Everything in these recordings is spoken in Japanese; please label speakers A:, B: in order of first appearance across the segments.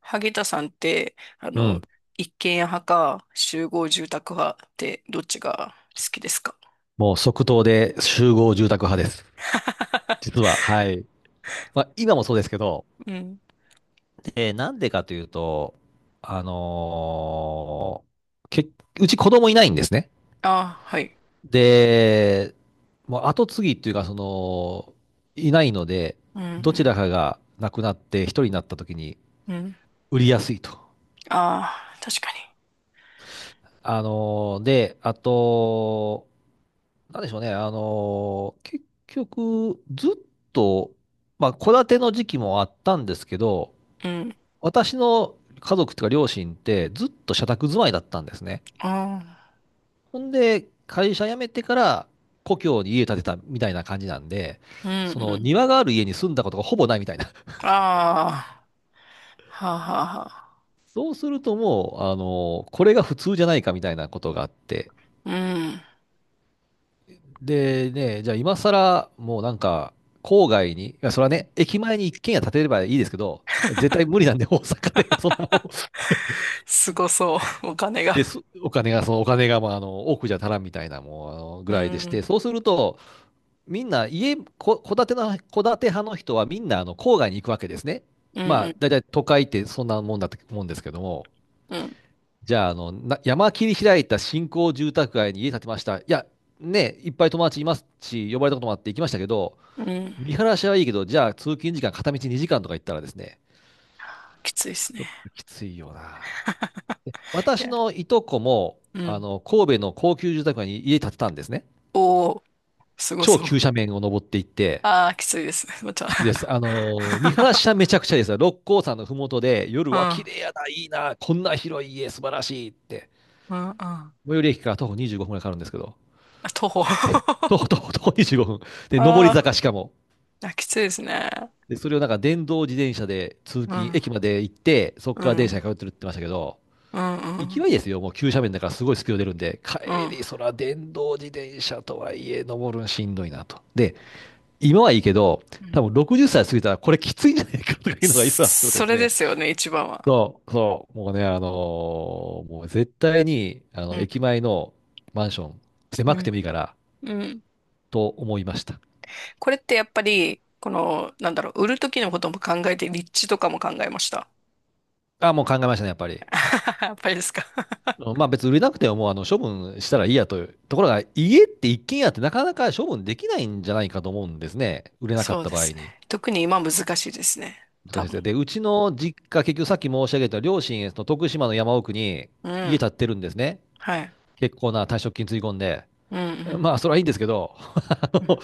A: 萩田さんって、
B: うん。
A: 一軒家派か集合住宅派ってどっちが好きですか？
B: もう即答で集合住宅派です。実 は、はい。まあ、今もそうですけど、
A: うん。
B: なんでかというと、あのーけ、うち子供いないんですね。
A: あはい。
B: で、もう後継ぎっていうか、いないので、
A: う
B: どちら
A: ん
B: かが亡くなって一人になった時に
A: うん。うん。
B: 売りやすいと。
A: ああ、確か
B: で、あと、なんでしょうね。結局、ずっと、まあ、戸建ての時期もあったんですけど、
A: に。うん。
B: 私の家族というか両親ってずっと社宅住まいだったんですね。
A: あ
B: ほんで、会社辞めてから故郷に家建てたみたいな感じなんで、
A: あ。う
B: そ
A: んう
B: の
A: ん。
B: 庭がある家に住んだことがほぼないみたいな。
A: ああ。はあはあはあ。
B: そうするともう、これが普通じゃないかみたいなことがあって、
A: うん。
B: でね、じゃあ今更、もうなんか、郊外に、いや、それはね、駅前に一軒家建てればいいですけど、絶対無理なんで、大阪で、そんなもん、
A: すごそう。お金
B: で
A: が。
B: す、お金が、そのお金が、まあ、多くじゃ足らんみたいな、もう、ぐ
A: う
B: らいでして、
A: ん。
B: そうすると、みんな、戸建て派の人は、みんな、郊外に行くわけですね。
A: うん
B: ま
A: う
B: あ、
A: ん
B: だいたい都会ってそんなもんだと思うんですけども、
A: うん。
B: じゃあ、山切り開いた新興住宅街に家建てました。いや、ね、いっぱい友達いますし、呼ばれたこともあって行きましたけど、
A: うん。
B: 見晴らしはいいけど、じゃあ通勤時間片道2時間とか行ったらですね、
A: きついです
B: ちょっ
A: ね。
B: ときついよな。
A: い
B: 私
A: や。
B: のいとこも、
A: うん。
B: 神戸の高級住宅街に家建てたんですね。
A: おお、すご
B: 超
A: そう。
B: 急斜面を登っていって、
A: ああ、きついです。また。
B: きついです。見晴らし はめちゃくちゃですよ。六甲山のふもとで、夜
A: う
B: は綺
A: ん。
B: 麗やな、いいな、こんな広い家、素晴らしいって。
A: うんうん。あ、
B: 最寄り駅から徒歩25分くらいかかるんですけど、
A: 徒歩。あ
B: 徒歩、徒歩、徒歩25分。で、上り坂
A: あ、
B: しかも。
A: あきついですね。
B: で、それをなんか電動自転車で通
A: う
B: 勤、
A: ん、
B: 駅まで行って、そこ
A: う
B: から
A: ん、う
B: 電車
A: ん、
B: に通ってるって言ってましたけど、
A: うん、
B: 勢いですよ。もう急斜面だからすごいスピード出るんで、
A: う
B: 帰
A: ん。
B: り、そら電動自転車とはいえ、登るんしんどいなと。で、今はいいけど、
A: う
B: 多
A: ん、
B: 分60歳過ぎたらこれきついんじゃないかとかいうのがいろいろあってことで
A: そ
B: す
A: れ
B: ね。
A: ですよね、一番は。
B: そう、そう、もうね、もう絶対に、
A: うん、
B: 駅前のマンション、
A: う
B: 狭くて
A: ん、
B: もいいから、
A: うん。
B: と思いました。
A: これってやっぱり、この、なんだろう、売る時のことも考えて、立地とかも考えました。
B: あ、もう考えましたね、やっぱり。
A: やっぱりですか。
B: うんまあ別に売れなくてももう処分したらいいやという。ところが家って一軒家ってなかなか処分できないんじゃないかと思うんですね。売れなか
A: そ
B: っ
A: う
B: た
A: で
B: 場合
A: すね。
B: に。
A: 特に今難しいですね。
B: 難しい
A: 多
B: で
A: 分。
B: すね。で、うちの実家、結局さっき申し上げた両親、その徳島の山奥に
A: う
B: 家
A: ん。
B: 建ってるんですね。
A: はい。
B: 結構な退職金つぎ込んで。
A: うんうん。
B: まあ、それはいいんですけど、あ
A: うん。
B: の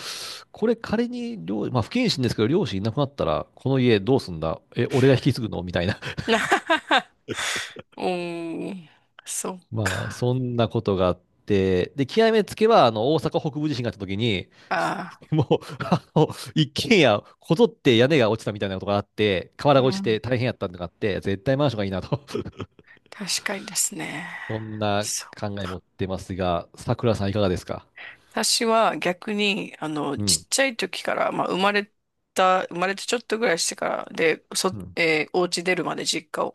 B: これ仮にまあ、不謹慎ですけど、両親いなくなったら、この家どうすんだえ、俺が引き継ぐのみたいな。
A: おー、そっ
B: まあ、
A: か。
B: そんなことがあって、で、極めつけは、大阪北部地震があった時に、
A: あ
B: もう、あの、一軒家、こぞって屋根が落ちたみたいなことがあって、瓦
A: ー、う
B: が落ち
A: ん、
B: て大変やったのがあって、絶対マンションがいいなと。
A: 確かにですね。
B: そんな
A: そう。
B: 考え持ってますが、さくらさんいかがですか？
A: 私は逆に、
B: う
A: ちっ
B: ん。
A: ちゃい時から、まあ、生まれてちょっとぐらいしてから、で、そ、
B: うん。
A: えー、お家出るまで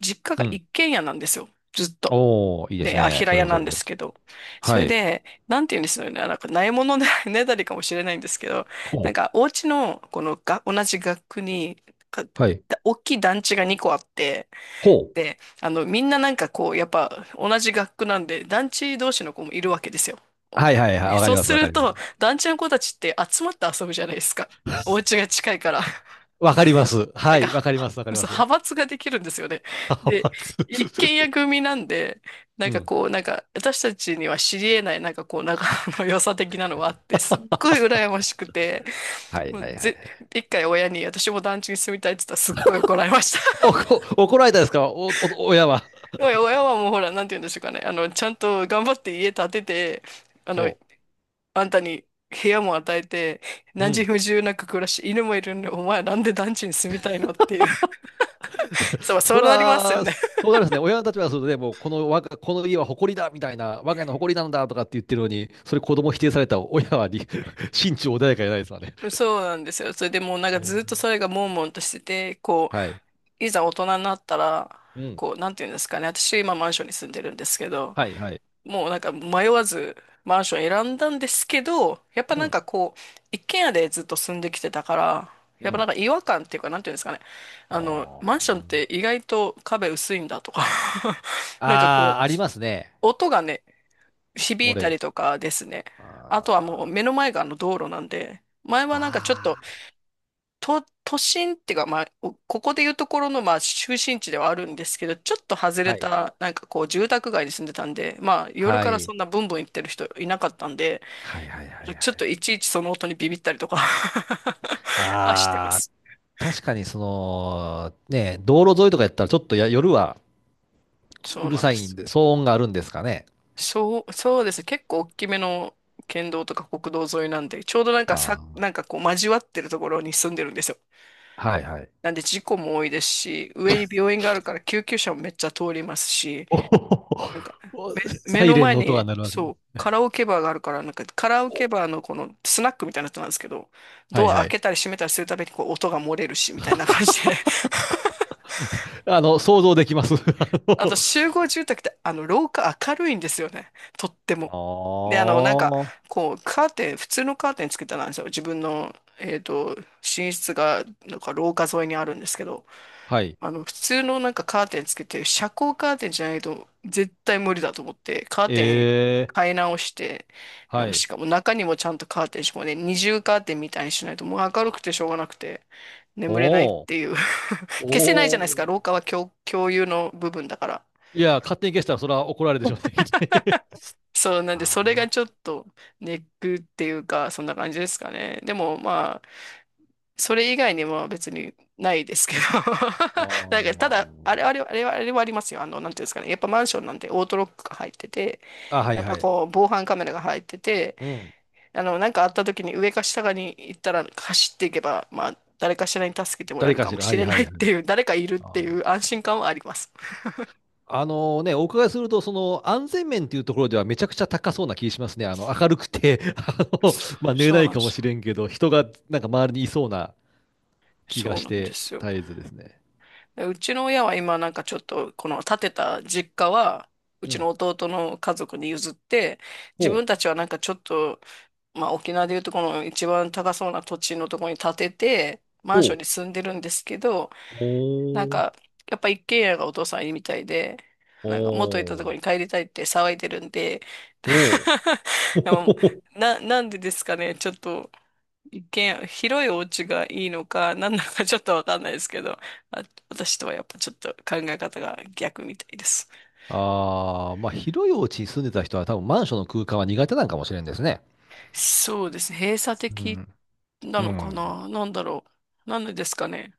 A: 実家が
B: うん。
A: 一軒家なんですよ。ずっと。
B: おー、いいです
A: で、あ、
B: ね。
A: 平
B: それ
A: 屋
B: も
A: な
B: そ
A: ん
B: れ
A: で
B: で。
A: すけど。そ
B: は
A: れ
B: い。
A: で、なんて言うんですよね。なんか、ないもので ねだりかもしれないんですけど、
B: ほ
A: なん
B: う。
A: か、お家の、このが、同じ学区に、か
B: はい。
A: 大きい団地が2個あって、
B: ほう。
A: みんななんかこう、やっぱ同じ学区なんで、団地同士の子もいるわけですよ。
B: はいはいは
A: で、
B: い。わか
A: そう
B: りま
A: す
B: す。わか
A: る
B: ります。
A: と、団地の子たちって集まって遊ぶじゃないですか。お家が近いから。
B: わかります。
A: なん
B: は
A: か、
B: い。わかりま
A: は
B: す。わかりま
A: そう
B: す。
A: 派閥ができるんですよね。
B: 派
A: で、
B: 閥。
A: 一軒家 組なんで、なん
B: う
A: か
B: ん。
A: こう、なんか、私たちには知り得ない、なんかこう、仲の良さ的なのがあって、すっごい羨ましくて、
B: はい
A: も
B: は
A: う
B: いはい。
A: ぜ、一回親に私も団地に住みたいって言ったらすっごい怒られました。
B: 怒られたですか？親は。
A: 親はもうほら、なんて言うんでしょうかね。ちゃんと頑張って家建てて、あの、
B: そ
A: あんたに部屋も与えて、
B: う。う
A: 何時
B: ん。
A: 不自由なく暮らし、犬もいるんで、お前なんで団地に住みたいのっていう。そう、そ
B: そ
A: うなりますよ
B: ら、
A: ね。
B: そうなりますね。親たちはそれで、もう、この家は誇りだみたいな、我が家の誇りなんだとかって言ってるのに、それ子供否定されたら親はり 心中穏やかじゃないですわね。
A: そうなんですよ。それでもうなんか
B: え
A: ずっとそ
B: ー
A: れが悶々としてて、こ
B: はい。
A: う、いざ大人になったら、
B: うん。
A: こう、なんて言うんですかね。私今マンションに住んでるんですけど、
B: はい、はい。
A: もうなんか迷わずマンション選んだんですけど、やっぱ
B: う
A: なん
B: ん。
A: かこう、一軒家でずっと住んできてたから、
B: う
A: やっぱな
B: ん。
A: んか違和感っていうか、なんていうんですかね。
B: あ
A: マ
B: ー
A: ンションって意外と壁薄いんだとか なんか
B: あ
A: こ
B: ー、
A: う、
B: ありますね。
A: 音がね、響
B: 漏
A: い
B: れ
A: た
B: る。
A: りとかですね。あとは
B: あ
A: もう目
B: ー
A: の前があの道路なんで、前はなんかちょっと
B: あ
A: 都心っていうか、まあ、おここでいうところの、まあ、中心地ではあるんですけど、ちょっと外
B: ー、
A: れ
B: はい。
A: た、なんかこう、住宅街に住んでたんで、まあ、夜
B: は
A: からそ
B: い。
A: んなブンブン行ってる人いなかったんで、
B: はい、はい、はい、は
A: ちょっと
B: い。
A: いちいちその音にビビったりとか はしてま
B: ああ、
A: す。
B: 確かにね、道路沿いとかやったらちょっとや夜は
A: そ
B: う
A: う
B: る
A: なん
B: さ
A: で
B: いん
A: す。
B: で、騒音があるんですかね。
A: そう、そうですね。結構大きめの県道とか国道沿いなんで、ちょうどなんか
B: あ
A: さ、
B: あ。
A: なんかこう、交わってるところに住んでるんですよ。
B: はいはい。
A: なんで事故も多いですし、上に病院があるから救急車もめっちゃ通りますし、なんか、
B: おおお。
A: 目
B: サイ
A: の
B: レン
A: 前
B: の音が
A: に、
B: 鳴るわけで
A: そう、
B: す。
A: カラオケバーがあるから、なんか、カラオケバーのこのスナックみたいなやつなんですけど、
B: は
A: ド
B: い
A: ア
B: は
A: 開
B: い。
A: けたり閉めたりするたびにこう音が漏れるし、みたいな感じで。
B: 想像できます。
A: あと集合住宅ってあの廊下明るいんですよね。とって
B: あ
A: も。
B: ー、
A: で、
B: は
A: こう、カーテン、普通のカーテンつけてなんですよ。自分の、えっと、寝室が、なんか廊下沿いにあるんですけど、
B: い。
A: 普通のなんかカーテンつけて、遮光カーテンじゃないと絶対無理だと思って、カーテン
B: ええ、
A: 買い直して、あ
B: は
A: の
B: い。
A: しかも中にもちゃんとカーテン、しかもね、二重カーテンみたいにしないともう明る
B: あ、
A: くてしょうがなくて、眠れないっ
B: おお、
A: ていう。消せない
B: お
A: じゃないですか。
B: お。
A: 廊下は共有の部分だから。
B: いや、勝手に消したらそれは怒られるでしょうね、きっとね。
A: そう、なんで、
B: あ
A: それ
B: あ、
A: がちょっとネックっていうか、そんな感じですかね。でも、まあ、それ以外には別にないですけど。
B: あ
A: なんか、た
B: ー
A: だ、あれ、あれ、あれは、あれはありますよ。なんていうんですかね。やっぱマンションなんでオートロックが入ってて、
B: あ、はい
A: やっぱ
B: はい。
A: こう、防犯カメラが入ってて、
B: うん。
A: なんかあった時に上か下かに行ったら走っていけば、まあ、誰かしらに助けてもらえ
B: 誰
A: る
B: か
A: か
B: し
A: も
B: ら。は
A: し
B: い
A: れ
B: は
A: ない
B: い
A: っ
B: は
A: てい
B: い。
A: う、誰かいるっていう安心感はあります。
B: あのね、お伺いすると、その安全面っていうところではめちゃくちゃ高そうな気しますね。明るくて の、
A: そ、
B: まあ、寝れ
A: そ
B: な
A: う
B: い
A: なん
B: か
A: で
B: も
A: す。
B: しれんけど、人がなんか周りにいそうな気が
A: そう
B: し
A: なんで
B: て、
A: すよ。
B: 絶えずですね。
A: でうちの親は今なんかちょっとこの建てた実家はう
B: う
A: ちの
B: ん。
A: 弟の家族に譲って、自
B: ほう、
A: 分たちはなんかちょっと、まあ沖縄でいうとこの一番高そうな土地のところに建ててマン
B: ほ
A: ション
B: う、
A: に住んでるんですけど、なん
B: ほう、
A: かやっぱ一軒家がお父さんいいみたいで、なんか元いたと
B: ほ
A: こ
B: う、
A: ろに帰りたいって騒いでるんで、
B: ほ う、
A: でも、
B: ほ
A: なんでですかね、ちょっと一見、広いお家がいいのか、何なのかちょっとわかんないですけど、あ、私とはやっぱちょっと考え方が逆みたいです。
B: あ。あまあ、広いお家に住んでた人は多分マンションの空間は苦手なんかもしれんですね。
A: そうですね。閉鎖
B: う
A: 的
B: ん。
A: な
B: う
A: のか
B: ん。
A: な、なんだろう。なんでですかね、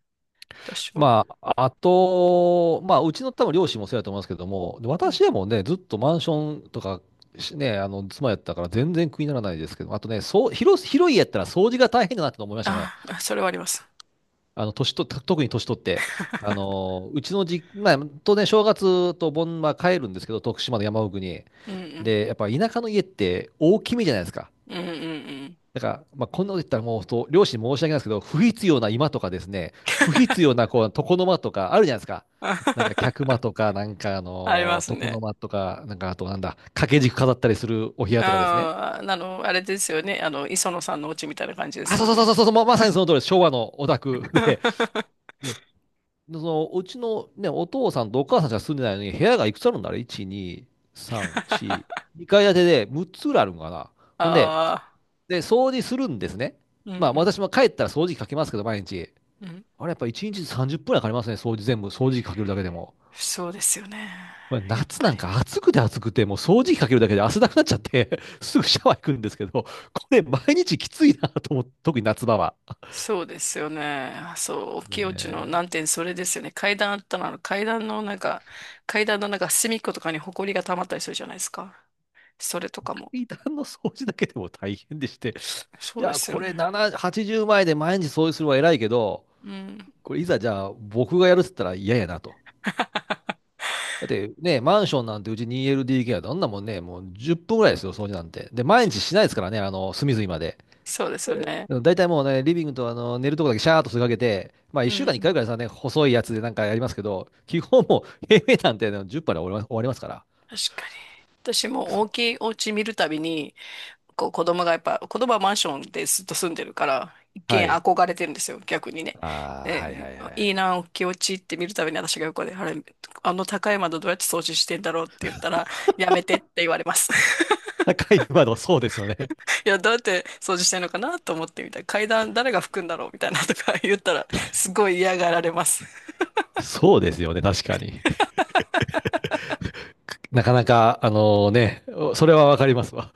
A: 私は。
B: まあ、あと、まあ、うちの多分両親もそうやと思いますけども、で
A: うん。
B: 私はもうね、ずっとマンションとかね、妻やったから全然苦にならないですけど、あとね、そう、広い家やったら掃除が大変だなって思いましたね。
A: あ、あそれはあります。
B: 年と、た特に年取って。うちのじ、まあ、当然正月と盆は帰るんですけど、徳島の山奥に。
A: うんうん。
B: で、やっぱ田舎の家って大きめじゃないですか。
A: うんうん
B: だから、まあ、こんなこと言ったらもう本当、両親に申し訳ないですけど、不必要な居間とかですね、不必要な床の間とかあるじゃないですか。
A: うん。
B: なんか客間 とか、なんか
A: あります
B: 床の
A: ね。
B: 間とか、なんかあとなんだ、掛け軸飾ったりするお部屋とかですね。
A: ああ、あの、あれですよね。あの、磯野さんのお家みたいな感じで
B: あ、
A: す
B: そ
A: よ
B: うそうそう
A: ね。
B: そうそう、まさにその通りです、昭和のオタクで、で、そのうちのね、お父さんとお母さんしか住んでないのに、部屋がいくつあるんだろう？ 1、2、3、4、2階建てで6つぐらいあるのかな。ほんで、
A: ああ、
B: 掃除するんですね。
A: うんう
B: まあ
A: ん
B: 私も帰ったら掃除機かけますけど、毎日。
A: うん。
B: あれやっぱ1日30分はかかりますね、掃除全部、掃除機かけるだけでも。
A: そうですよね。
B: これ
A: やっ
B: 夏
A: ぱ
B: な
A: り。
B: んか暑くて暑くて、もう掃除機かけるだけで汗だくなっちゃって すぐシャワー行くんですけど、これ毎日きついなと思って、特に夏場は。
A: そうですよね。そう、
B: もう
A: 清地の
B: ね、
A: 難点、それですよね。階段あったら、あの階段のなんか、階段のなんか隅っことかに埃が溜まったりするじゃないですか。それとかも。
B: 階段の掃除だけでも大変でして、
A: そ
B: い
A: うで
B: や、
A: すよ
B: これ
A: ね。
B: 7、80枚で毎日掃除するのは偉いけど、
A: うん。
B: これいざじゃあ僕がやるって言ったら嫌やなと。だってね、マンションなんてうち 2LDK はどんなもんね、もう10分ぐらいですよ、掃除なんて。で、毎日しないですからね、隅々まで。
A: そうですよね。
B: うん大体もうね、リビングとあの寝るとこだけシャーっとすがけて、まあ
A: う
B: 1週間に1
A: ん。
B: 回ぐらいさ、ね、細いやつでなんかやりますけど、基本もう平米なんてね10杯で終わります終わりますから。
A: 確かに。私も大
B: そ
A: きいお家見るたびに、こう子供がやっぱ、子供はマンションでずっと住んでるから、一
B: う、は
A: 見
B: い。
A: 憧れてるんですよ、逆にね。
B: ああ、はい
A: で、
B: はいは
A: いい
B: い。
A: な、大きいお気落ちって見るたびに私が横で、あれ、あの高い窓どうやって掃除してんだろうって言ったら、やめてって言われます。
B: 高い窓、そうですよね。
A: いや、どうやって掃除してんのかなと思ってみたいな。階段誰が拭くんだろうみたいなとか言ったら、すごい嫌がられます。
B: そうですよね、確かに。なかなか、あのね、それはわかりますわ。